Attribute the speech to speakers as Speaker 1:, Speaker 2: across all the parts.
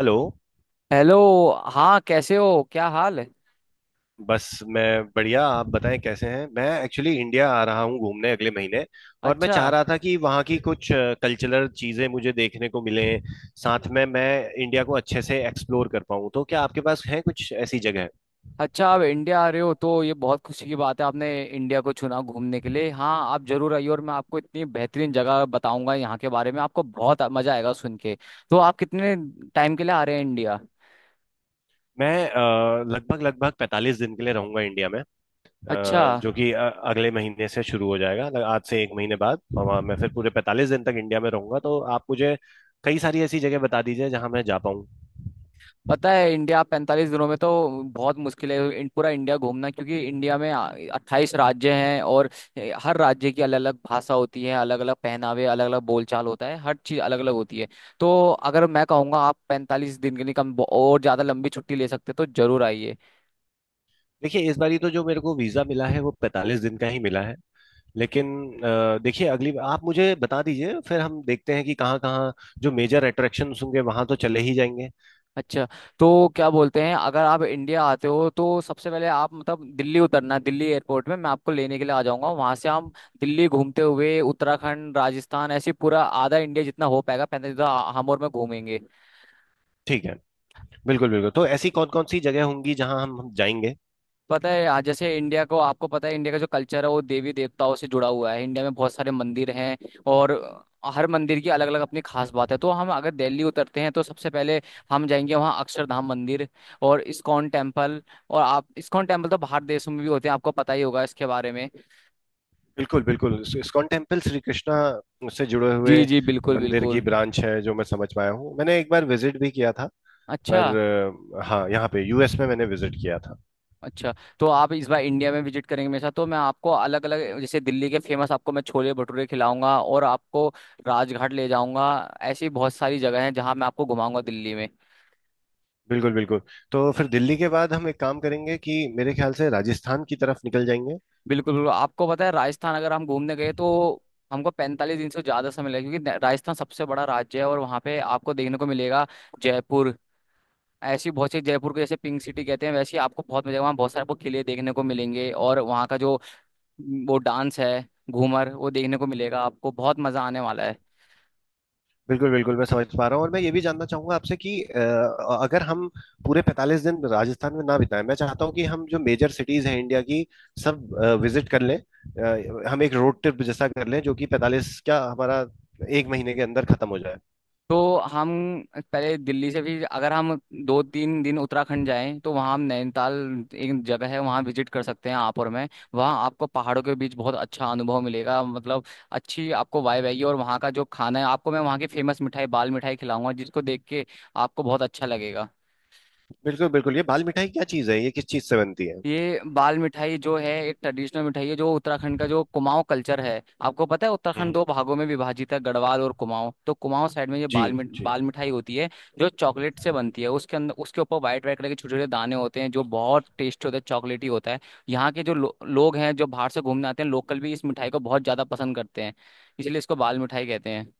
Speaker 1: Hello.
Speaker 2: Hello. हाँ, कैसे हो? क्या हाल है?
Speaker 1: बस मैं बढ़िया, आप बताएं कैसे हैं। मैं एक्चुअली इंडिया आ रहा हूँ घूमने अगले महीने। और मैं
Speaker 2: अच्छा।
Speaker 1: चाह रहा था कि वहाँ की कुछ कल्चरल चीज़ें मुझे देखने को मिलें, साथ में मैं इंडिया को अच्छे से एक्सप्लोर कर पाऊँ। तो क्या आपके पास है कुछ ऐसी जगह।
Speaker 2: अच्छा, आप इंडिया आ रहे हो तो ये बहुत खुशी की बात है। आपने इंडिया को चुना घूमने के लिए। हाँ, आप जरूर आइए और मैं आपको इतनी बेहतरीन जगह बताऊंगा यहाँ के बारे में, आपको बहुत मजा आएगा सुन के। तो आप कितने टाइम के लिए आ रहे हैं इंडिया?
Speaker 1: मैं लगभग लगभग 45 दिन के लिए रहूंगा इंडिया में।
Speaker 2: अच्छा।
Speaker 1: जो कि अगले महीने से शुरू हो जाएगा, आज से एक महीने बाद। और वहाँ मैं फिर पूरे 45 दिन तक इंडिया में रहूंगा। तो आप मुझे कई सारी ऐसी जगह बता दीजिए जहाँ मैं जा पाऊँ।
Speaker 2: पता है, इंडिया 45 दिनों में तो बहुत मुश्किल है पूरा इंडिया घूमना, क्योंकि इंडिया में 28 राज्य हैं और हर राज्य की अलग अलग भाषा होती है, अलग अलग पहनावे, अलग अलग बोलचाल होता है, हर चीज़ अलग अलग होती है। तो अगर मैं कहूँगा, आप 45 दिन के लिए कम और ज़्यादा लंबी छुट्टी ले सकते हैं, तो जरूर आइए।
Speaker 1: देखिए इस बारी तो जो मेरे को वीजा मिला है वो 45 दिन का ही मिला है। लेकिन देखिए, अगली आप मुझे बता दीजिए, फिर हम देखते हैं कि कहाँ कहाँ जो मेजर अट्रैक्शन होंगे वहां तो चले ही जाएंगे।
Speaker 2: अच्छा। तो क्या बोलते हैं, अगर आप इंडिया आते हो तो सबसे पहले आप मतलब दिल्ली उतरना। दिल्ली एयरपोर्ट में मैं आपको लेने के लिए आ जाऊंगा। वहां से हम दिल्ली घूमते हुए उत्तराखंड, राजस्थान, ऐसे पूरा आधा इंडिया जितना हो पाएगा 45, हम और मैं घूमेंगे।
Speaker 1: ठीक है। बिल्कुल बिल्कुल। तो ऐसी कौन कौन सी जगह होंगी जहाँ हम जाएंगे।
Speaker 2: पता है, आज जैसे इंडिया को, आपको पता है इंडिया का जो कल्चर है वो देवी देवताओं से जुड़ा हुआ है। इंडिया में बहुत सारे मंदिर हैं और हर मंदिर की अलग अलग अपनी खास बात है। तो हम अगर दिल्ली उतरते हैं तो सबसे पहले हम जाएंगे वहाँ अक्षरधाम मंदिर और इस्कॉन टेम्पल। और आप इस्कॉन टेम्पल तो बाहर देशों में भी होते हैं, आपको पता ही होगा इसके बारे में।
Speaker 1: बिल्कुल बिल्कुल। इस्कॉन टेम्पल श्री कृष्णा से जुड़े हुए
Speaker 2: जी जी, बिल्कुल
Speaker 1: मंदिर की
Speaker 2: बिल्कुल।
Speaker 1: ब्रांच है, जो मैं समझ पाया हूँ। मैंने एक बार विजिट भी किया था,
Speaker 2: अच्छा।
Speaker 1: पर हाँ, यहाँ पे यूएस में मैंने विजिट किया था।
Speaker 2: अच्छा, तो आप इस बार इंडिया में विजिट करेंगे मेरे साथ तो मैं आपको अलग अलग जैसे दिल्ली के फेमस आपको मैं छोले भटूरे खिलाऊंगा और आपको राजघाट ले जाऊंगा। ऐसी बहुत सारी जगह हैं जहां मैं आपको घुमाऊंगा दिल्ली में।
Speaker 1: बिल्कुल बिल्कुल। तो फिर दिल्ली के बाद हम एक काम करेंगे कि मेरे ख्याल से राजस्थान की तरफ निकल जाएंगे।
Speaker 2: बिल्कुल बिल्कुल। आपको पता है राजस्थान, अगर हम घूमने गए तो हमको 45 दिन से ज़्यादा समय लगेगा, क्योंकि राजस्थान सबसे बड़ा राज्य है और वहाँ पे आपको देखने को मिलेगा जयपुर। ऐसी बहुत सी, जयपुर को जैसे पिंक सिटी कहते हैं, वैसे ही आपको बहुत मजा, वहाँ बहुत सारे आपको किले देखने को मिलेंगे और वहाँ का जो वो डांस है घूमर, वो देखने को मिलेगा। आपको बहुत मजा आने वाला है।
Speaker 1: बिल्कुल बिल्कुल, मैं समझ पा रहा हूँ। और मैं ये भी जानना चाहूंगा आपसे कि अगर हम पूरे 45 दिन राजस्थान में ना बिताएं। मैं चाहता हूँ कि हम जो मेजर सिटीज हैं इंडिया की सब विजिट कर लें। हम एक रोड ट्रिप जैसा कर लें जो कि 45, क्या हमारा एक महीने के अंदर खत्म हो जाए।
Speaker 2: तो हम पहले दिल्ली से भी अगर हम दो तीन दिन उत्तराखंड जाएं तो वहाँ हम नैनीताल एक जगह है, वहाँ विजिट कर सकते हैं आप और मैं। वहाँ आपको पहाड़ों के बीच बहुत अच्छा अनुभव मिलेगा, मतलब अच्छी आपको वाइब आएगी। और वहाँ का जो खाना है, आपको मैं वहाँ की फेमस मिठाई बाल मिठाई खिलाऊंगा, जिसको देख के आपको बहुत अच्छा लगेगा।
Speaker 1: बिल्कुल बिल्कुल। ये बाल मिठाई क्या चीज़ है, ये किस चीज़ से बनती है?
Speaker 2: ये बाल मिठाई जो है एक ट्रेडिशनल मिठाई है, जो उत्तराखंड का जो कुमाऊं कल्चर है। आपको पता है, उत्तराखंड
Speaker 1: हम्म।
Speaker 2: दो भागों में विभाजित है, गढ़वाल और कुमाऊं। तो कुमाऊं साइड में ये
Speaker 1: जी। जी।
Speaker 2: बाल मिठाई होती है, जो चॉकलेट से बनती है। उसके अंदर, उसके ऊपर व्हाइट व्हाइट कलर के छोटे छोटे दाने होते हैं जो बहुत टेस्टी होते हैं, चॉकलेटी होता है। यहाँ के जो लोग हैं, जो बाहर से घूमने आते हैं, लोकल भी इस मिठाई को बहुत ज्यादा पसंद करते हैं, इसलिए इसको बाल मिठाई कहते हैं।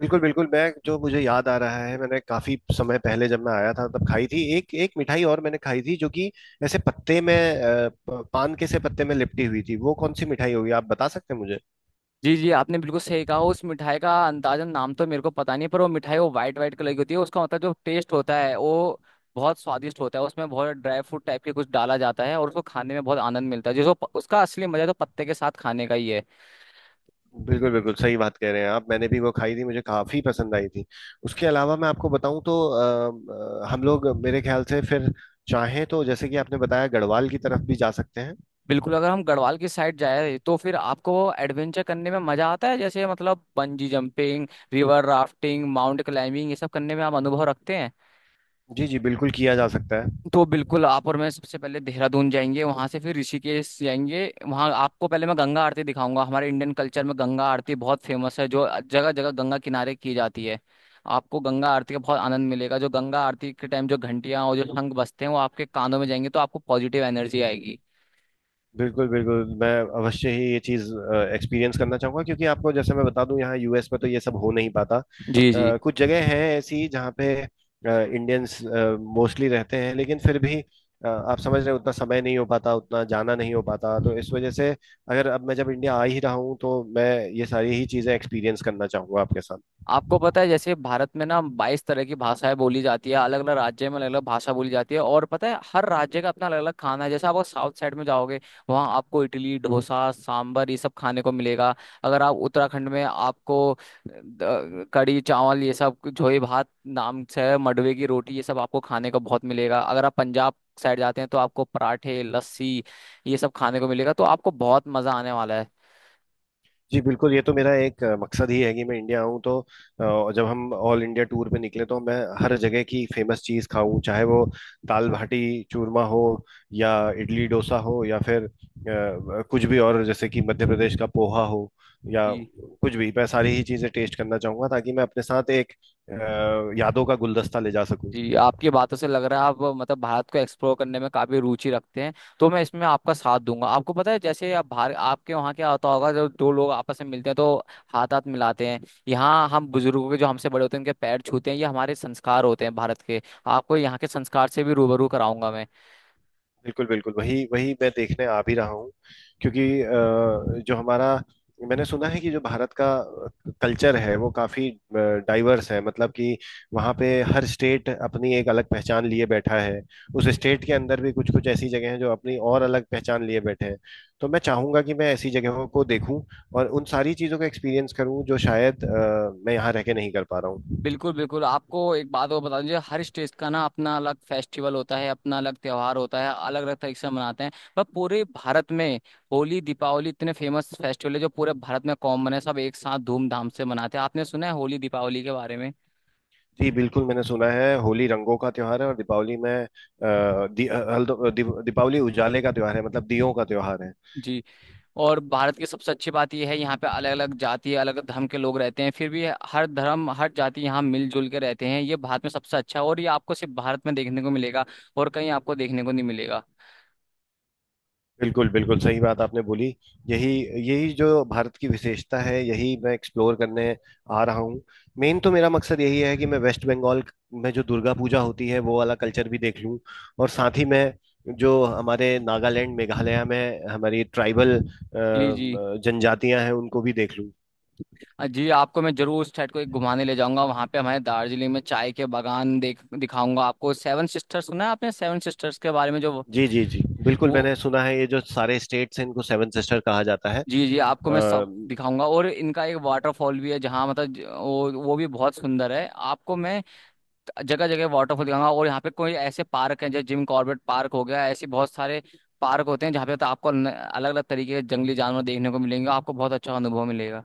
Speaker 1: बिल्कुल बिल्कुल। मैं, जो मुझे याद आ रहा है, मैंने काफी समय पहले जब मैं आया था तब खाई थी एक एक मिठाई। और मैंने खाई थी जो कि ऐसे पत्ते में, पान के से पत्ते में लिपटी हुई थी। वो कौन सी मिठाई होगी, आप बता सकते हैं मुझे?
Speaker 2: जी जी, आपने बिल्कुल सही कहा। उस मिठाई का अंदाजन नाम तो मेरे को पता नहीं, पर वो मिठाई वो वाइट वाइट कलर की होती है। उसका मतलब जो टेस्ट होता है वो बहुत स्वादिष्ट होता है। उसमें बहुत ड्राई फ्रूट टाइप के कुछ डाला जाता है और उसको खाने में बहुत आनंद मिलता है, उसका असली मजा तो पत्ते के साथ खाने का ही है।
Speaker 1: बिल्कुल बिल्कुल, सही बात कह रहे हैं आप। मैंने भी वो खाई थी, मुझे काफी पसंद आई थी। उसके अलावा मैं आपको बताऊं, तो हम लोग मेरे ख्याल से फिर चाहें तो, जैसे कि आपने बताया, गढ़वाल की तरफ भी जा सकते हैं।
Speaker 2: बिल्कुल, अगर हम गढ़वाल की साइड जाए तो फिर आपको एडवेंचर करने में मजा आता है, जैसे मतलब bungee jumping, river rafting, mount climbing, ये सब करने में आप अनुभव रखते हैं।
Speaker 1: जी जी, बिल्कुल किया जा सकता है।
Speaker 2: तो बिल्कुल, आप और मैं सबसे पहले देहरादून जाएंगे, वहां से फिर ऋषिकेश जाएंगे। वहां आपको पहले मैं गंगा आरती दिखाऊंगा। हमारे इंडियन कल्चर में गंगा आरती बहुत फेमस है, जो जगह जगह गंगा किनारे की जाती है। आपको गंगा आरती का बहुत आनंद मिलेगा। जो गंगा आरती के टाइम जो घंटियां और जो शंख बजते हैं वो आपके कानों में जाएंगे तो आपको पॉजिटिव एनर्जी आएगी।
Speaker 1: बिल्कुल, बिल्कुल, मैं अवश्य ही ये चीज़ एक्सपीरियंस करना चाहूँगा। क्योंकि आपको जैसे मैं बता दूँ, यहाँ यूएस में तो ये सब हो नहीं पाता।
Speaker 2: जी जी।
Speaker 1: कुछ जगह हैं ऐसी जहाँ पे इंडियंस मोस्टली रहते हैं, लेकिन फिर भी आप समझ रहे हैं, उतना समय नहीं हो पाता, उतना जाना नहीं हो पाता। तो इस वजह से अगर अब मैं जब इंडिया आ ही रहा हूँ, तो मैं ये सारी ही चीज़ें एक्सपीरियंस करना चाहूँगा आपके साथ।
Speaker 2: आपको पता है जैसे भारत में ना 22 तरह की भाषाएं बोली जाती है, अलग अलग राज्य में अलग अलग भाषा बोली जाती है। और पता है हर राज्य का अपना अलग अलग खाना है। जैसे आप साउथ साइड में जाओगे, वहाँ आपको इडली, डोसा, सांबर, ये सब खाने को मिलेगा। अगर आप उत्तराखंड में, आपको कढ़ी चावल ये सब, झोई भात नाम से है, मडवे की रोटी, ये सब आपको खाने को बहुत मिलेगा। अगर आप पंजाब साइड जाते हैं तो आपको पराठे, लस्सी ये सब खाने को मिलेगा। तो आपको बहुत मजा आने वाला
Speaker 1: जी बिल्कुल, ये तो मेरा एक मकसद ही है कि मैं इंडिया आऊँ तो, जब हम ऑल इंडिया टूर पे निकले, तो मैं हर जगह की फेमस चीज़ खाऊं, चाहे वो दाल बाटी चूरमा हो, या इडली डोसा हो, या फिर कुछ भी, और जैसे कि मध्य प्रदेश का पोहा हो, या
Speaker 2: है।
Speaker 1: कुछ भी। मैं सारी ही चीज़ें टेस्ट करना चाहूंगा ताकि मैं अपने साथ एक अ, यादों का गुलदस्ता ले जा सकूं।
Speaker 2: जी, आपकी बातों से लग रहा है आप मतलब भारत को एक्सप्लोर करने में काफी रुचि रखते हैं, तो मैं इसमें आपका साथ दूंगा। आपको पता है, जैसे आप भारत, आपके वहाँ क्या होता होगा जब दो लोग आपस में मिलते हैं तो हाथ हाथ मिलाते हैं। यहाँ हम बुजुर्गों के, जो हमसे बड़े होते हैं, उनके पैर छूते हैं। ये हमारे संस्कार होते हैं भारत के। आपको यहाँ के संस्कार से भी रूबरू कराऊंगा मैं।
Speaker 1: बिल्कुल बिल्कुल, वही वही मैं देखने आ भी रहा हूँ। क्योंकि जो हमारा मैंने सुना है कि जो भारत का कल्चर है वो काफी डाइवर्स है, मतलब कि वहाँ पे हर स्टेट अपनी एक अलग पहचान लिए बैठा है। उस स्टेट के अंदर भी कुछ कुछ ऐसी जगह हैं जो अपनी और अलग पहचान लिए बैठे हैं। तो मैं चाहूंगा कि मैं ऐसी जगहों को देखूं, और उन सारी चीजों का एक्सपीरियंस करूं जो शायद मैं यहाँ रह के नहीं कर पा रहा हूँ।
Speaker 2: बिल्कुल बिल्कुल। आपको एक बात और बता दीजिए, हर स्टेट का ना अपना अलग फेस्टिवल होता है, अपना अलग त्योहार होता है, अलग अलग तरीके से मनाते हैं। पर पूरे भारत में होली, दीपावली इतने फेमस फेस्टिवल है जो पूरे भारत में कॉमन है। सब एक साथ धूमधाम से मनाते हैं। आपने सुना है होली दीपावली के बारे में?
Speaker 1: जी बिल्कुल, मैंने सुना है होली रंगों का त्योहार है। और दीपावली में अ, दी, अ, हल्दो- दीप- दीपावली उजाले का त्योहार है, मतलब दियों का त्योहार है।
Speaker 2: जी। और भारत की सबसे अच्छी बात यह है, यहाँ पे अलग अलग जाति, अलग अलग धर्म के लोग रहते हैं, फिर भी हर धर्म हर जाति यहाँ मिलजुल के रहते हैं। ये भारत में सबसे अच्छा है और ये आपको सिर्फ भारत में देखने को मिलेगा, और कहीं आपको देखने को नहीं मिलेगा।
Speaker 1: बिल्कुल बिल्कुल, सही बात आपने बोली। यही यही जो भारत की विशेषता है, यही मैं एक्सप्लोर करने आ रहा हूँ। मेन तो मेरा मकसद यही है कि मैं वेस्ट बंगाल में जो दुर्गा पूजा होती है वो वाला कल्चर भी देख लूँ। और साथ ही मैं जो हमारे नागालैंड मेघालय में हमारी ट्राइबल
Speaker 2: जी जी।
Speaker 1: जनजातियां हैं उनको भी देख लूँ।
Speaker 2: हाँ जी, आपको मैं जरूर उस साइड को एक घुमाने ले जाऊंगा। वहां पे हमारे दार्जिलिंग में चाय के बागान देख दिखाऊंगा आपको। सेवन सिस्टर्स सुना है आपने, सेवन सिस्टर्स के बारे में
Speaker 1: जी जी जी बिल्कुल,
Speaker 2: वो-
Speaker 1: मैंने सुना है ये जो सारे स्टेट्स हैं इनको सेवन सिस्टर कहा जाता है।
Speaker 2: जी जी। आपको मैं
Speaker 1: अ,
Speaker 2: सब दिखाऊंगा। और इनका एक वाटरफॉल भी है जहाँ मतलब वो भी बहुत सुंदर है। आपको मैं जगह जगह वाटरफॉल दिखाऊंगा। और यहाँ पे कोई ऐसे पार्क हैं जैसे जिम कॉर्बेट पार्क हो गया, ऐसे बहुत सारे पार्क होते हैं जहाँ पे तो आपको अलग अलग तरीके के जंगली जानवर देखने को मिलेंगे। आपको बहुत अच्छा अनुभव मिलेगा।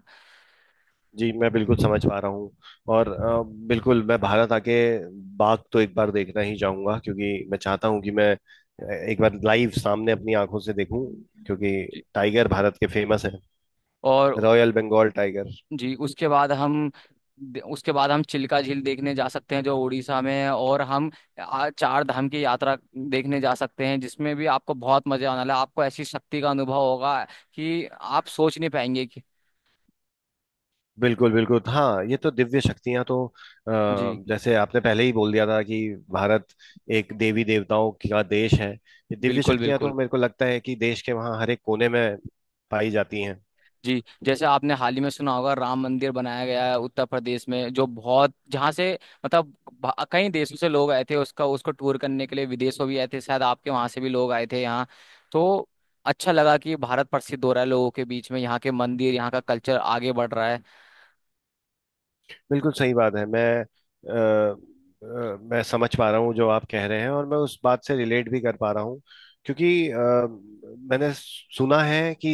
Speaker 1: जी, मैं बिल्कुल समझ पा रहा हूँ। और बिल्कुल, मैं भारत आके बाघ तो एक बार देखना ही चाहूंगा, क्योंकि मैं चाहता हूँ कि मैं एक बार लाइव सामने अपनी आंखों से देखूं। क्योंकि
Speaker 2: जी।
Speaker 1: टाइगर भारत के फेमस है,
Speaker 2: और
Speaker 1: रॉयल बंगाल टाइगर।
Speaker 2: जी, उसके बाद हम चिल्का झील देखने जा सकते हैं जो उड़ीसा में है। और हम चार धाम की यात्रा देखने जा सकते हैं, जिसमें भी आपको बहुत मजा आने वाला है। आपको ऐसी शक्ति का अनुभव होगा कि आप सोच नहीं पाएंगे कि।
Speaker 1: बिल्कुल बिल्कुल, हाँ ये तो दिव्य शक्तियां तो
Speaker 2: जी
Speaker 1: जैसे आपने पहले ही बोल दिया था कि भारत एक देवी देवताओं का देश है। ये दिव्य
Speaker 2: बिल्कुल
Speaker 1: शक्तियां तो
Speaker 2: बिल्कुल।
Speaker 1: मेरे को लगता है कि देश के वहाँ हर एक कोने में पाई जाती हैं।
Speaker 2: जी, जैसे आपने हाल ही में सुना होगा, राम मंदिर बनाया गया है उत्तर प्रदेश में, जो बहुत, जहाँ से मतलब कई देशों से लोग आए थे उसका, उसको टूर करने के लिए विदेशों भी आए थे। शायद आपके वहां से भी लोग आए थे यहाँ। तो अच्छा लगा कि भारत प्रसिद्ध हो रहा है लोगों के बीच में। यहाँ के मंदिर, यहाँ का कल्चर आगे बढ़ रहा है।
Speaker 1: बिल्कुल सही बात है। मैं समझ पा रहा हूँ जो आप कह रहे हैं, और मैं उस बात से रिलेट भी कर पा रहा हूँ। क्योंकि मैंने सुना है कि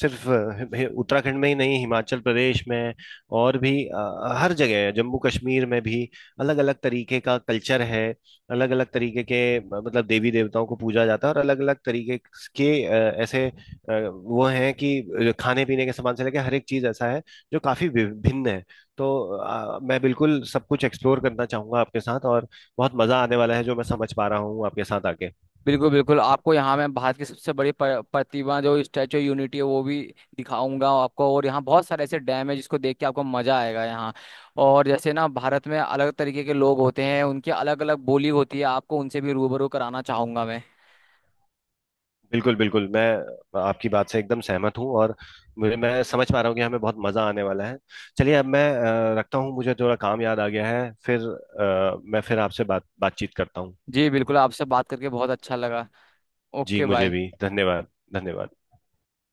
Speaker 1: सिर्फ उत्तराखंड में ही नहीं, हिमाचल प्रदेश में और भी, हर जगह, जम्मू कश्मीर में भी अलग अलग तरीके का कल्चर है, अलग अलग तरीके के, मतलब देवी देवताओं को पूजा जाता है। और अलग अलग तरीके के ऐसे वो हैं कि खाने पीने के सामान से लेकर हर एक चीज ऐसा है जो काफी विभिन्न है। तो मैं बिल्कुल सब कुछ एक्सप्लोर करना चाहूंगा आपके साथ, और बहुत मजा आने वाला है, जो मैं समझ पा रहा हूँ आपके साथ आके।
Speaker 2: बिल्कुल बिल्कुल। आपको यहाँ मैं भारत की सबसे बड़ी प्रतिमा जो स्टैचू यूनिटी है वो भी दिखाऊंगा आपको। और यहाँ बहुत सारे ऐसे डैम है जिसको देख के आपको मजा आएगा यहाँ। और जैसे ना भारत में अलग तरीके के लोग होते हैं, उनकी अलग अलग बोली होती है। आपको उनसे भी रूबरू कराना चाहूंगा मैं।
Speaker 1: बिल्कुल बिल्कुल, मैं आपकी बात से एकदम सहमत हूँ। और मुझे मैं समझ पा रहा हूँ कि हमें बहुत मजा आने वाला है। चलिए, अब मैं रखता हूँ, मुझे थोड़ा काम याद आ गया है। फिर मैं फिर आपसे बातचीत करता हूँ।
Speaker 2: जी बिल्कुल, आपसे बात करके बहुत अच्छा लगा।
Speaker 1: जी,
Speaker 2: ओके,
Speaker 1: मुझे
Speaker 2: बाय।
Speaker 1: भी धन्यवाद। धन्यवाद।